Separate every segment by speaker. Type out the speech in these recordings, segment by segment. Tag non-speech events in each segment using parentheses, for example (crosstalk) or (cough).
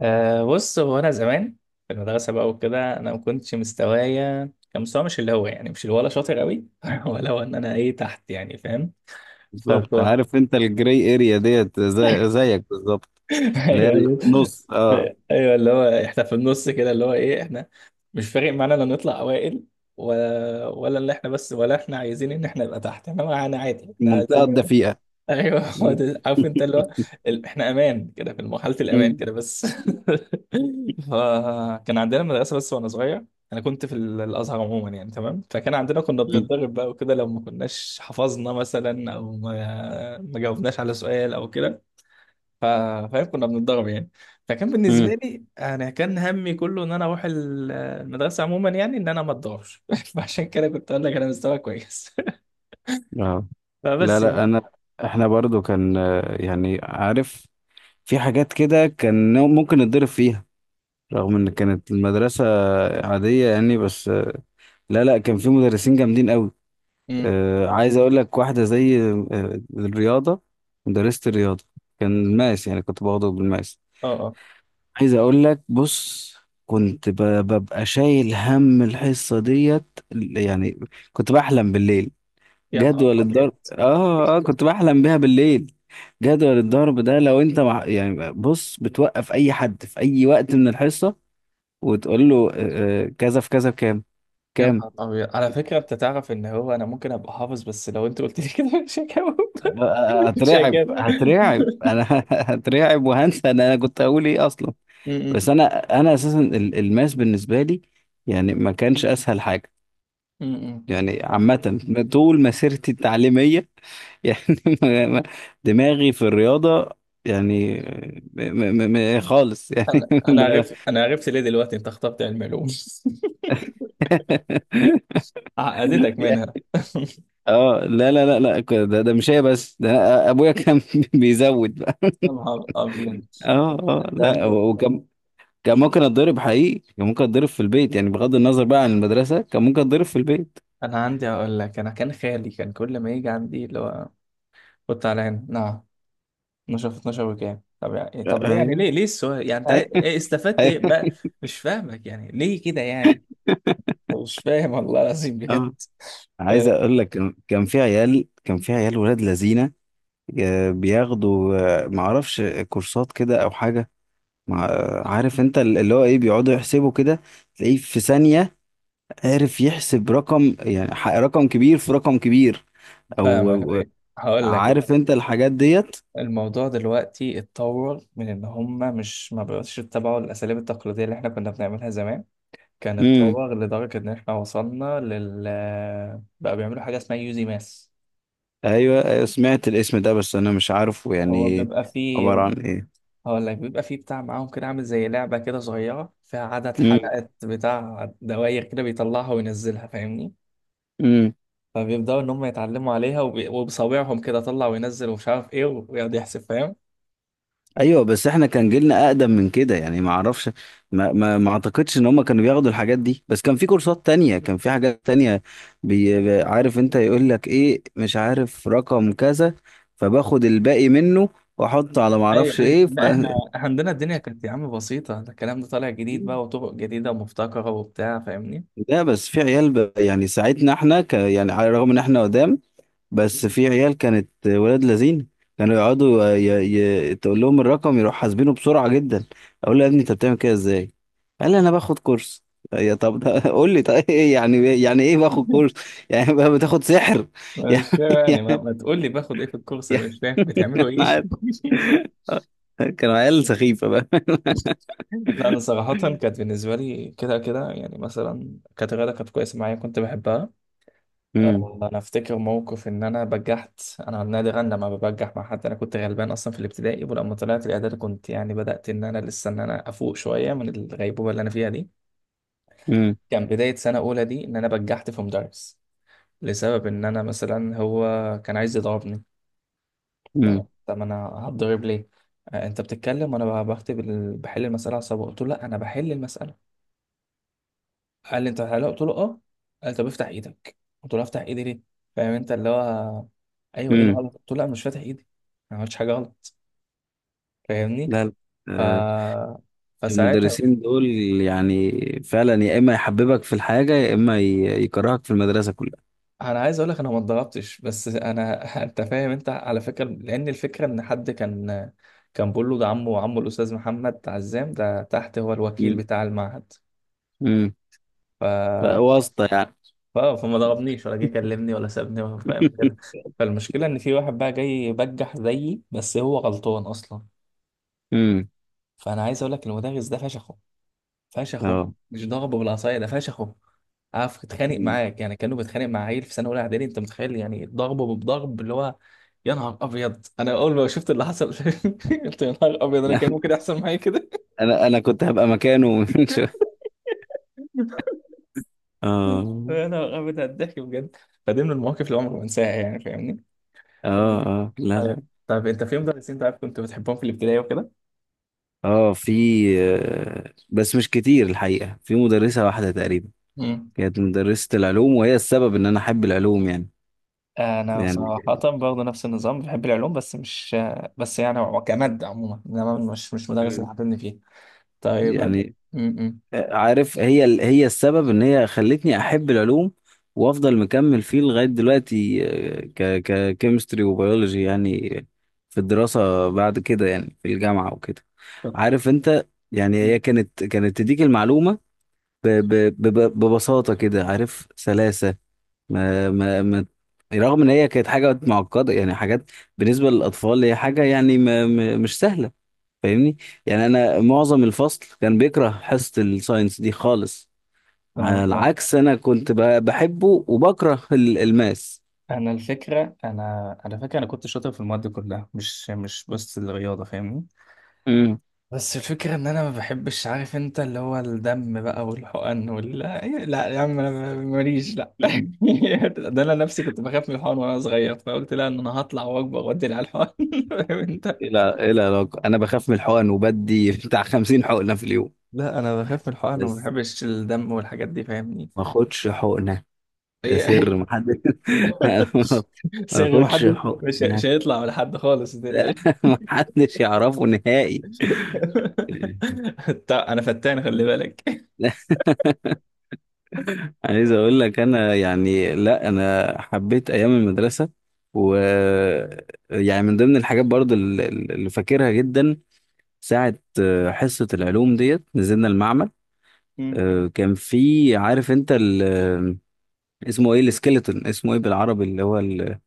Speaker 1: بص هو انا زمان في المدرسه بقى وكده انا ما كنتش مستوايا، كان مستوى مش اللي هو، يعني مش اللي ولا شاطر قوي (laughs) ولا هو ان انا ايه تحت، يعني فاهم.
Speaker 2: بالظبط،
Speaker 1: فكو (laughs)
Speaker 2: عارف انت الجراي اريا ديت زي زيك بالظبط. اللي هي
Speaker 1: ايوه
Speaker 2: اللي في
Speaker 1: ايوه
Speaker 2: النص، اه.
Speaker 1: ايوه اللي هو احنا في النص كده، اللي هو ايه، احنا مش فارق معانا لا نطلع اوائل ولا اللي احنا، بس ولا احنا عايزين ان احنا نبقى تحت، احنا معانا عادي، احنا
Speaker 2: المنطقه
Speaker 1: عايزين.
Speaker 2: الدفيئه.
Speaker 1: ايوه (laughs) هو
Speaker 2: (laughs)
Speaker 1: ده، عارف انت اللي هو، احنا امان كده، في مرحله الامان
Speaker 2: مم.
Speaker 1: كده بس. (laughs) فكان عندنا مدرسه، بس وانا صغير انا كنت في الازهر عموما، يعني تمام. فكان عندنا، كنا
Speaker 2: مم.
Speaker 1: بنتدرب بقى وكده، لو ما كناش حفظنا مثلا او ما جاوبناش على سؤال او كده. ف- فاهم، كنا بنتدرب يعني. فكان بالنسبه
Speaker 2: مم.
Speaker 1: لي انا كان همي كله ان انا اروح المدرسه عموما، يعني ان انا ما اتضربش. (laughs) فعشان كده كنت اقول لك انا مستواي كويس.
Speaker 2: اه
Speaker 1: (laughs)
Speaker 2: لا
Speaker 1: فبس يعني.
Speaker 2: لا انا احنا برضو كان آه، يعني عارف، في حاجات كده كان ممكن نتضرب فيها رغم ان كانت المدرسة عادية يعني. بس آه، لا لا، كان في مدرسين جامدين قوي.
Speaker 1: امم.
Speaker 2: آه، عايز اقول لك واحدة زي آه الرياضة. مدرسة الرياضة كان الماس، يعني كنت باخده بالماس.
Speaker 1: اه اه.
Speaker 2: عايز اقول لك، بص، ببقى شايل هم الحصة ديت يعني. كنت بحلم بالليل،
Speaker 1: يا نهار
Speaker 2: جدول
Speaker 1: ابيض.
Speaker 2: الضرب. اه، كنت بحلم بيها بالليل، جدول الضرب ده. يعني بص، بتوقف اي حد في اي وقت من الحصة وتقول له آه، آه، كذا في كذا بكام.
Speaker 1: يا
Speaker 2: كام.
Speaker 1: نهار أبيض، على فكرة أنت تعرف إن هو أنا ممكن أبقى حافظ، بس لو أنت قلت لي كده مش هجاوب.
Speaker 2: آه، آه، آه،
Speaker 1: (laughs) مش
Speaker 2: هترعب،
Speaker 1: هجاوب.
Speaker 2: هترعب انا
Speaker 1: (laughs)
Speaker 2: (laughs) هترعب وهنسى ان انا كنت هقول ايه اصلا.
Speaker 1: م- م-
Speaker 2: بس انا، الماس بالنسبة لي يعني ما كانش اسهل حاجة،
Speaker 1: م-
Speaker 2: يعني
Speaker 1: م.
Speaker 2: عامة، طول مسيرتي التعليمية. (laughs) يعني ما- ما- دماغي في الرياضة يعني م م خالص يعني.
Speaker 1: أنا
Speaker 2: (laughs)
Speaker 1: عرفت، عرفت ليه دلوقتي أنت اخترت علم علوم. (laughs) عقدتك
Speaker 2: ب-
Speaker 1: منها. (laughs)
Speaker 2: اه لا لا لا لا ك- ده ده مش هي بس، ده ابويا كان (laughs) بيزود بقى.
Speaker 1: يا نهار أبيض،
Speaker 2: اه
Speaker 1: أنت
Speaker 2: لا،
Speaker 1: عندي.
Speaker 2: وكان كان ممكن اتضرب حقيقي، كان ممكن اتضرب في البيت يعني، بغض النظر بقى عن المدرسة، كان ممكن اتضرب في البيت.
Speaker 1: أنا عندي أقول لك، أنا كان خالي كان كل ما يجي عندي اللي هو، كنت على هنا نعم، 12 في 12 وكام؟ طب يعني طب ليه؟ يعني
Speaker 2: ايوه.
Speaker 1: ليه السؤال؟ يعني أنت
Speaker 2: (laughs)
Speaker 1: إيه استفدت؟ إيه
Speaker 2: ايوه.
Speaker 1: ما، مش فاهمك يعني ليه كده يعني؟ مش فاهم والله العظيم بجد.
Speaker 2: اه عايز
Speaker 1: آه،
Speaker 2: اقول لك، كان في عيال، كان في عيال ولاد لذينه، آه، بياخدوا آه، معرفش، كورسات كده او حاجه، مع آه، عارف انت اللي هو ايه، بيقعدوا يحسبوا كده تلاقيه في ثانيه، عارف، يحسب رقم يعني رقم كبير في رقم كبير
Speaker 1: فاهمك
Speaker 2: او أو-
Speaker 1: أيوة. هقول لك كده.
Speaker 2: عارف انت الحاجات ديت.
Speaker 1: الموضوع دلوقتي اتطور من ان هم مش ما بقوش يتبعوا الاساليب التقليديه اللي احنا كنا بنعملها زمان، كان
Speaker 2: امم.
Speaker 1: اتطور لدرجه ان احنا وصلنا لل، بقى بيعملوا حاجه اسمها يوزي ماس.
Speaker 2: ايوه أيوة، سمعت الاسم ده بس انا مش عارفه
Speaker 1: هو
Speaker 2: يعني
Speaker 1: بيبقى فيه،
Speaker 2: عباره عن ايه.
Speaker 1: هقول لك، بيبقى فيه بتاع معاهم كده عامل زي لعبه كده صغيره فيها عدد حلقات بتاع دواير كده، بيطلعها وينزلها فاهمني.
Speaker 2: امم.
Speaker 1: فبيبدأوا إن هم يتعلموا عليها، وبصابعهم كده طلع وينزل ومش عارف إيه، ويقعد يحسب فاهم.
Speaker 2: ايوه بس احنا كان جيلنا اقدم من كده يعني، ما اعرفش، ما اعتقدش ان هم كانوا بياخدوا الحاجات دي، بس كان في كورسات تانية، كان في حاجات تانية. عارف انت، يقول لك ايه، مش عارف رقم كذا، فباخد الباقي منه واحطه على ما
Speaker 1: أي
Speaker 2: اعرفش
Speaker 1: أي
Speaker 2: ايه ف...
Speaker 1: لا إحنا
Speaker 2: (laughs)
Speaker 1: عندنا الدنيا كانت يا عم بسيطة، ده الكلام ده طالع جديد بقى، وطرق جديدة ومبتكرة وبتاع فاهمني.
Speaker 2: لا بس في عيال يعني ساعتنا احنا يعني على الرغم ان احنا قدام، بس في عيال كانت ولاد لذين، كانوا يقعدوا تقول لهم الرقم يروح حاسبينه بسرعة جدا. اقول له يا ابني انت بتعمل كده ازاي، قال لي انا باخد كورس. يا طب ده، (laughs) قول لي طيب ايه، يعني إيه يعني، ايه باخد كورس؟
Speaker 1: (laughs)
Speaker 2: يعني بقى بتاخد سحر؟ (laughs) يعني
Speaker 1: مش يعني، ما,
Speaker 2: يعني
Speaker 1: ما تقول لي باخد إيه في الكورس،
Speaker 2: يعني
Speaker 1: أنا مش فاهم بتعملوا
Speaker 2: (laughs)
Speaker 1: إيه.
Speaker 2: انا عارف،
Speaker 1: (laughs)
Speaker 2: كانوا عيال سخيفة بقى.
Speaker 1: لا أنا صراحة كانت بالنسبة لي كده كده، يعني مثلا كانت الرياضة كانت كويسة معايا كنت بحبها.
Speaker 2: امم
Speaker 1: آه، انا افتكر موقف ان انا بجحت. انا نادرا لما ببجح مع حد، انا كنت غلبان اصلا في الابتدائي، ولما طلعت الاعدادي كنت يعني بدات ان انا لسه ان انا افوق شويه من الغيبوبه اللي انا فيها دي.
Speaker 2: امم
Speaker 1: كان بدايه سنه اولى دي ان انا بجحت في مدرس، لسبب ان انا مثلا، هو كان عايز يضربني.
Speaker 2: امم
Speaker 1: طب طب انا هتضرب ليه؟ آه، انت بتتكلم وانا بكتب بحل المساله على الصبغه. قلت له لا انا بحل المساله. قال لي انت حلال؟ قلت له اه. قال طب افتح ايدك. قلت له افتح ايدي ليه؟ فاهم انت اللي هو. ايوه ايه
Speaker 2: امم
Speaker 1: الغلط؟ قلت له لا مش فاتح ايدي انا، ما عملتش حاجه غلط. فاهمني؟
Speaker 2: لا لا.
Speaker 1: ف
Speaker 2: آه،
Speaker 1: فساعتها،
Speaker 2: المدرسين دول يعني فعلا يا اما يحببك في الحاجة يا اما يكرهك في المدرسة كلها.
Speaker 1: انا عايز اقول لك انا ما اتضربتش بس انا (laughs) انت فاهم، انت على فكره لان الفكره ان حد كان، كان بيقول له ده عمه، وعمه الاستاذ محمد عزام ده تحت هو الوكيل بتاع المعهد.
Speaker 2: امم،
Speaker 1: ف
Speaker 2: واسطة يعني.
Speaker 1: فما ضربنيش ولا جه كلمني ولا سابني ولا، فاهم كده.
Speaker 2: (laughs)
Speaker 1: فالمشكله ان في واحد بقى جاي بجح زيي، بس هو غلطان اصلا.
Speaker 2: امم.
Speaker 1: فانا عايز اقول لك، المدرس ده فشخه. فشخه،
Speaker 2: اه.
Speaker 1: مش ضربه بالعصايه، ده فشخه. عارف اتخانق
Speaker 2: أمم.
Speaker 1: معاك، يعني كانه بيتخانق مع عيل في سنه اولى اعدادي، انت متخيل؟ يعني ضربه بضرب اللي هو، يا نهار ابيض. انا اول ما شفت اللي حصل (laughs) قلت يا نهار ابيض انا كان
Speaker 2: (laughs)
Speaker 1: ممكن يحصل معايا كده.
Speaker 2: انا انا كنت هبقى مكانه من (laughs) شوية.
Speaker 1: (laughs)
Speaker 2: اه
Speaker 1: يا نهار ابيض على الضحك بجد. فدي من المواقف اللي عمري ما انساها يعني فاهمني.
Speaker 2: اه لا
Speaker 1: طيب.
Speaker 2: لا.
Speaker 1: طيب انت في مدرسين طيب كنت بتحبهم في الابتدائي وكده؟
Speaker 2: اه في آه، بس مش كتير الحقيقة، في مدرسة واحدة تقريبا،
Speaker 1: مم.
Speaker 2: كانت مدرسة العلوم، وهي السبب ان انا احب العلوم يعني.
Speaker 1: انا
Speaker 2: يعني.
Speaker 1: صراحة برضه نفس النظام، بحب العلوم بس مش، بس يعني هو كمادة عموما، انما مش، مش مدرس اللي
Speaker 2: مم.
Speaker 1: حاططني فيه. طيب أد-
Speaker 2: يعني
Speaker 1: م- م.
Speaker 2: عارف، هي السبب ان هي خلتني احب العلوم وافضل مكمل فيه لغايه دلوقتي، آه، ك ككيمستري وبيولوجي يعني، في الدراسه بعد كده، يعني في الجامعه وكده.
Speaker 1: طب،
Speaker 2: عارف انت، يعني هي كانت، كانت تديك المعلومه ب ب ب ببساطه كده، عارف، سلاسه، ما ما ما رغم ان هي كانت حاجه معقده يعني، حاجات بالنسبه للاطفال هي حاجه يعني مش سهله، فاهمني. يعني انا معظم الفصل كان بيكره حصة الساينس دي خالص، على
Speaker 1: فاهمك اه.
Speaker 2: العكس انا كنت بحبه وبكره الماس.
Speaker 1: انا الفكرة، انا على فكرة انا كنت شاطر في المواد كلها، مش مش بس الرياضة فاهمني.
Speaker 2: امم.
Speaker 1: بس الفكرة ان انا ما بحبش، عارف انت اللي هو الدم بقى والحقن وال، لا يا عم انا ماليش، لا (laughs) ده انا نفسي كنت بخاف من الحقن وانا صغير، فقلت لا ان انا هطلع واكبر وادي على الحقن. (laughs) فاهم انت؟
Speaker 2: الى الى علاقة انا بخاف من الحقن وبدي (laughs) بتاع 50 حقنة في اليوم؟
Speaker 1: لا انا بخاف من الحقن، وما
Speaker 2: بس
Speaker 1: بحبش الدم والحاجات دي فاهمني.
Speaker 2: ما اخدش حقنة، ده
Speaker 1: هي (laughs)
Speaker 2: سر، محدش. (laughs) ما
Speaker 1: صيغي
Speaker 2: اخدش
Speaker 1: محدش. مش
Speaker 2: حقنة.
Speaker 1: هيطلع من حد خالص
Speaker 2: (laughs) لا،
Speaker 1: متقلقش.
Speaker 2: محدش يعرفه نهائي.
Speaker 1: (laughs) طب انا فتان خلي بالك.
Speaker 2: عايز اقول لك، انا يعني لا انا حبيت ايام المدرسه، و، يعني من ضمن الحاجات برضو اللي فاكرها جدا، ساعه آه، حصه العلوم ديت نزلنا المعمل،
Speaker 1: مم.
Speaker 2: آه، كان في، عارف انت ال... آه، اسمه ايه السكيلتون، اسمه ايه بالعربي، اللي هو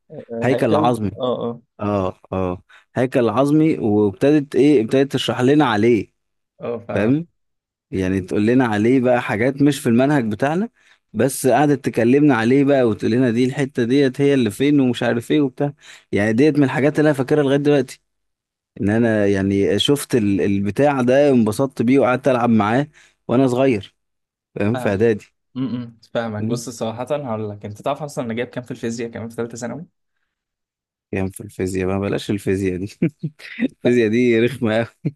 Speaker 1: (laughs)
Speaker 2: الهيكل
Speaker 1: هيكل
Speaker 2: العظمي.
Speaker 1: اه. اه
Speaker 2: اه. هيكل العظمي، وابتدت ايه، ابتدت تشرح لنا عليه،
Speaker 1: اه فاهم.
Speaker 2: فاهم، يعني تقول لنا عليه بقى حاجات مش في المنهج بتاعنا، بس قعدت تكلمنا عليه بقى، وتقول لنا دي الحتة ديت هي اللي فين ومش عارف ايه وبتاع. يعني ديت من الحاجات اللي انا فاكرها لغاية دلوقتي، ان انا يعني شفت البتاع ده، انبسطت بيه وقعدت العب معاه وانا صغير، فاهم، في
Speaker 1: فاهم.
Speaker 2: اعدادي.
Speaker 1: م- م، فاهمك
Speaker 2: أمم.
Speaker 1: بص، صراحة هقول لك، انت تعرف اصلا انا جايب كام في الفيزياء كمان في ثالثة ثانوي؟
Speaker 2: يعني في الفيزياء بقى، بلاش الفيزياء دي. (laughs) الفيزياء دي رخمة قوي.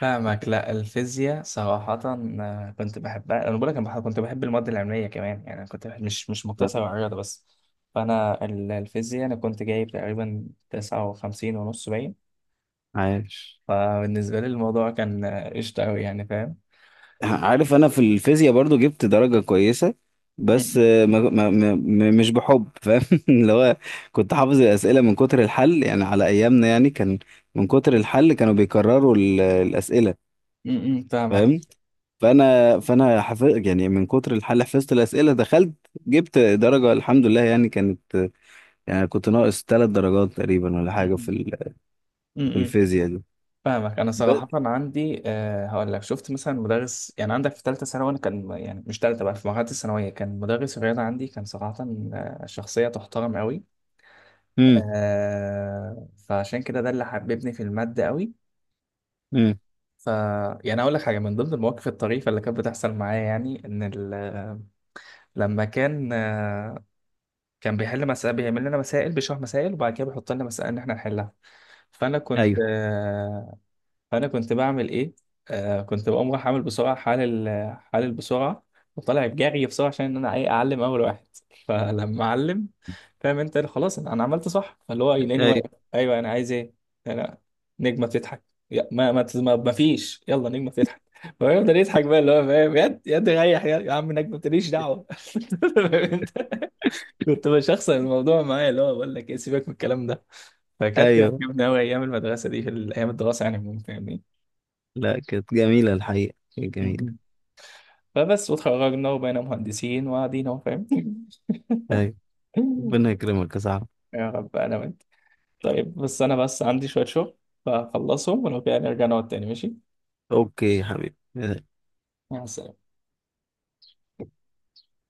Speaker 1: فاهمك. لا الفيزياء صراحة آه، كنت بحبها. أنا بقول لك أنا كنت بحب المواد العلمية كمان، يعني أنا كنت بحب، مش مش مقتصر على الرياضة بس. فأنا الفيزياء أنا كنت جايب تقريبا تسعة وخمسين ونص باين.
Speaker 2: عايش.
Speaker 1: فبالنسبة لي الموضوع كان آه، قشطة أوي يعني فاهم.
Speaker 2: عارف انا في الفيزياء برضو جبت درجة كويسة، بس
Speaker 1: م-م.
Speaker 2: آه، مش بحب، فاهم، (laughs) اللي هو كنت حافظ الأسئلة من كتر الحل، يعني على أيامنا يعني، كان من كتر الحل كانوا بيكرروا الأسئلة،
Speaker 1: م-م، فاهمك.
Speaker 2: فاهم، فأنا حفظ يعني من كتر الحل، حفظت الأسئلة، دخلت جبت درجة الحمد لله، يعني كانت، يعني كنت ناقص 3 درجات تقريبا ولا حاجة في
Speaker 1: م-م.
Speaker 2: ال- في
Speaker 1: م-م.
Speaker 2: الفيزياء دي.
Speaker 1: فاهمك. أنا
Speaker 2: بس.
Speaker 1: صراحة عندي أه، هقول لك، شفت مثلا مدرس يعني عندك في ثالثة ثانوي؟ أنا كان يعني مش ثالثة بقى، في مرحلة الثانوية كان مدرس الرياضة عندي كان صراحة آه، شخصية تحترم أوي.
Speaker 2: امم.
Speaker 1: آه فعشان كده ده اللي حببني في المادة قوي.
Speaker 2: امم
Speaker 1: ف يعني اقول لك حاجه من ضمن المواقف الطريفه اللي كانت بتحصل معايا، يعني ان لما كان آه، كان بيحل مسائل، بيعمل لنا مسائل بيشرح مسائل، وبعد كده بيحط لنا مسائل ان احنا نحلها. فانا كنت
Speaker 2: ايوه
Speaker 1: آه، فانا كنت بعمل ايه، آه كنت بقوم رايح عامل بسرعه حال، حال البسرعه، وطالع بجري بسرعه عشان ان انا ايه اعلم اول واحد. (laughs) فلما اعلم فاهم انت، خلاص انا، أنا عملت صح. فاللي هو يلاقيني
Speaker 2: ايوه
Speaker 1: واقف ايوه، انا عايز ايه؟ انا نجمه بتضحك. يا ما فيش يلا، نجمه بتضحك. (laughs) فيفضل يضحك بقى اللي هو فاهم، يد ريح يا عم، نجمه ماليش دعوه. (laughs) فاهم انت. كنت بشخصن الموضوع معايا اللي هو، بقول لك ايه سيبك من الكلام ده. فكانت
Speaker 2: ايوه
Speaker 1: عجبني قوي ايام المدرسه دي، في ايام الدراسه يعني عموما فاهمني.
Speaker 2: لا كانت جميلة الحقيقة، كانت جميلة.
Speaker 1: فبس، وتخرجنا وبقينا مهندسين وقاعدين اهو فاهم.
Speaker 2: أيوة. ربنا
Speaker 1: (laughs)
Speaker 2: يكرمك يا صاحبي.
Speaker 1: يا رب، انا وانت. طيب بس انا بس عندي شوية شغل، فخلصهم ولو كده نرجع نقعد تاني ماشي.
Speaker 2: اوكي يا حبيبي.
Speaker 1: مع السلامة.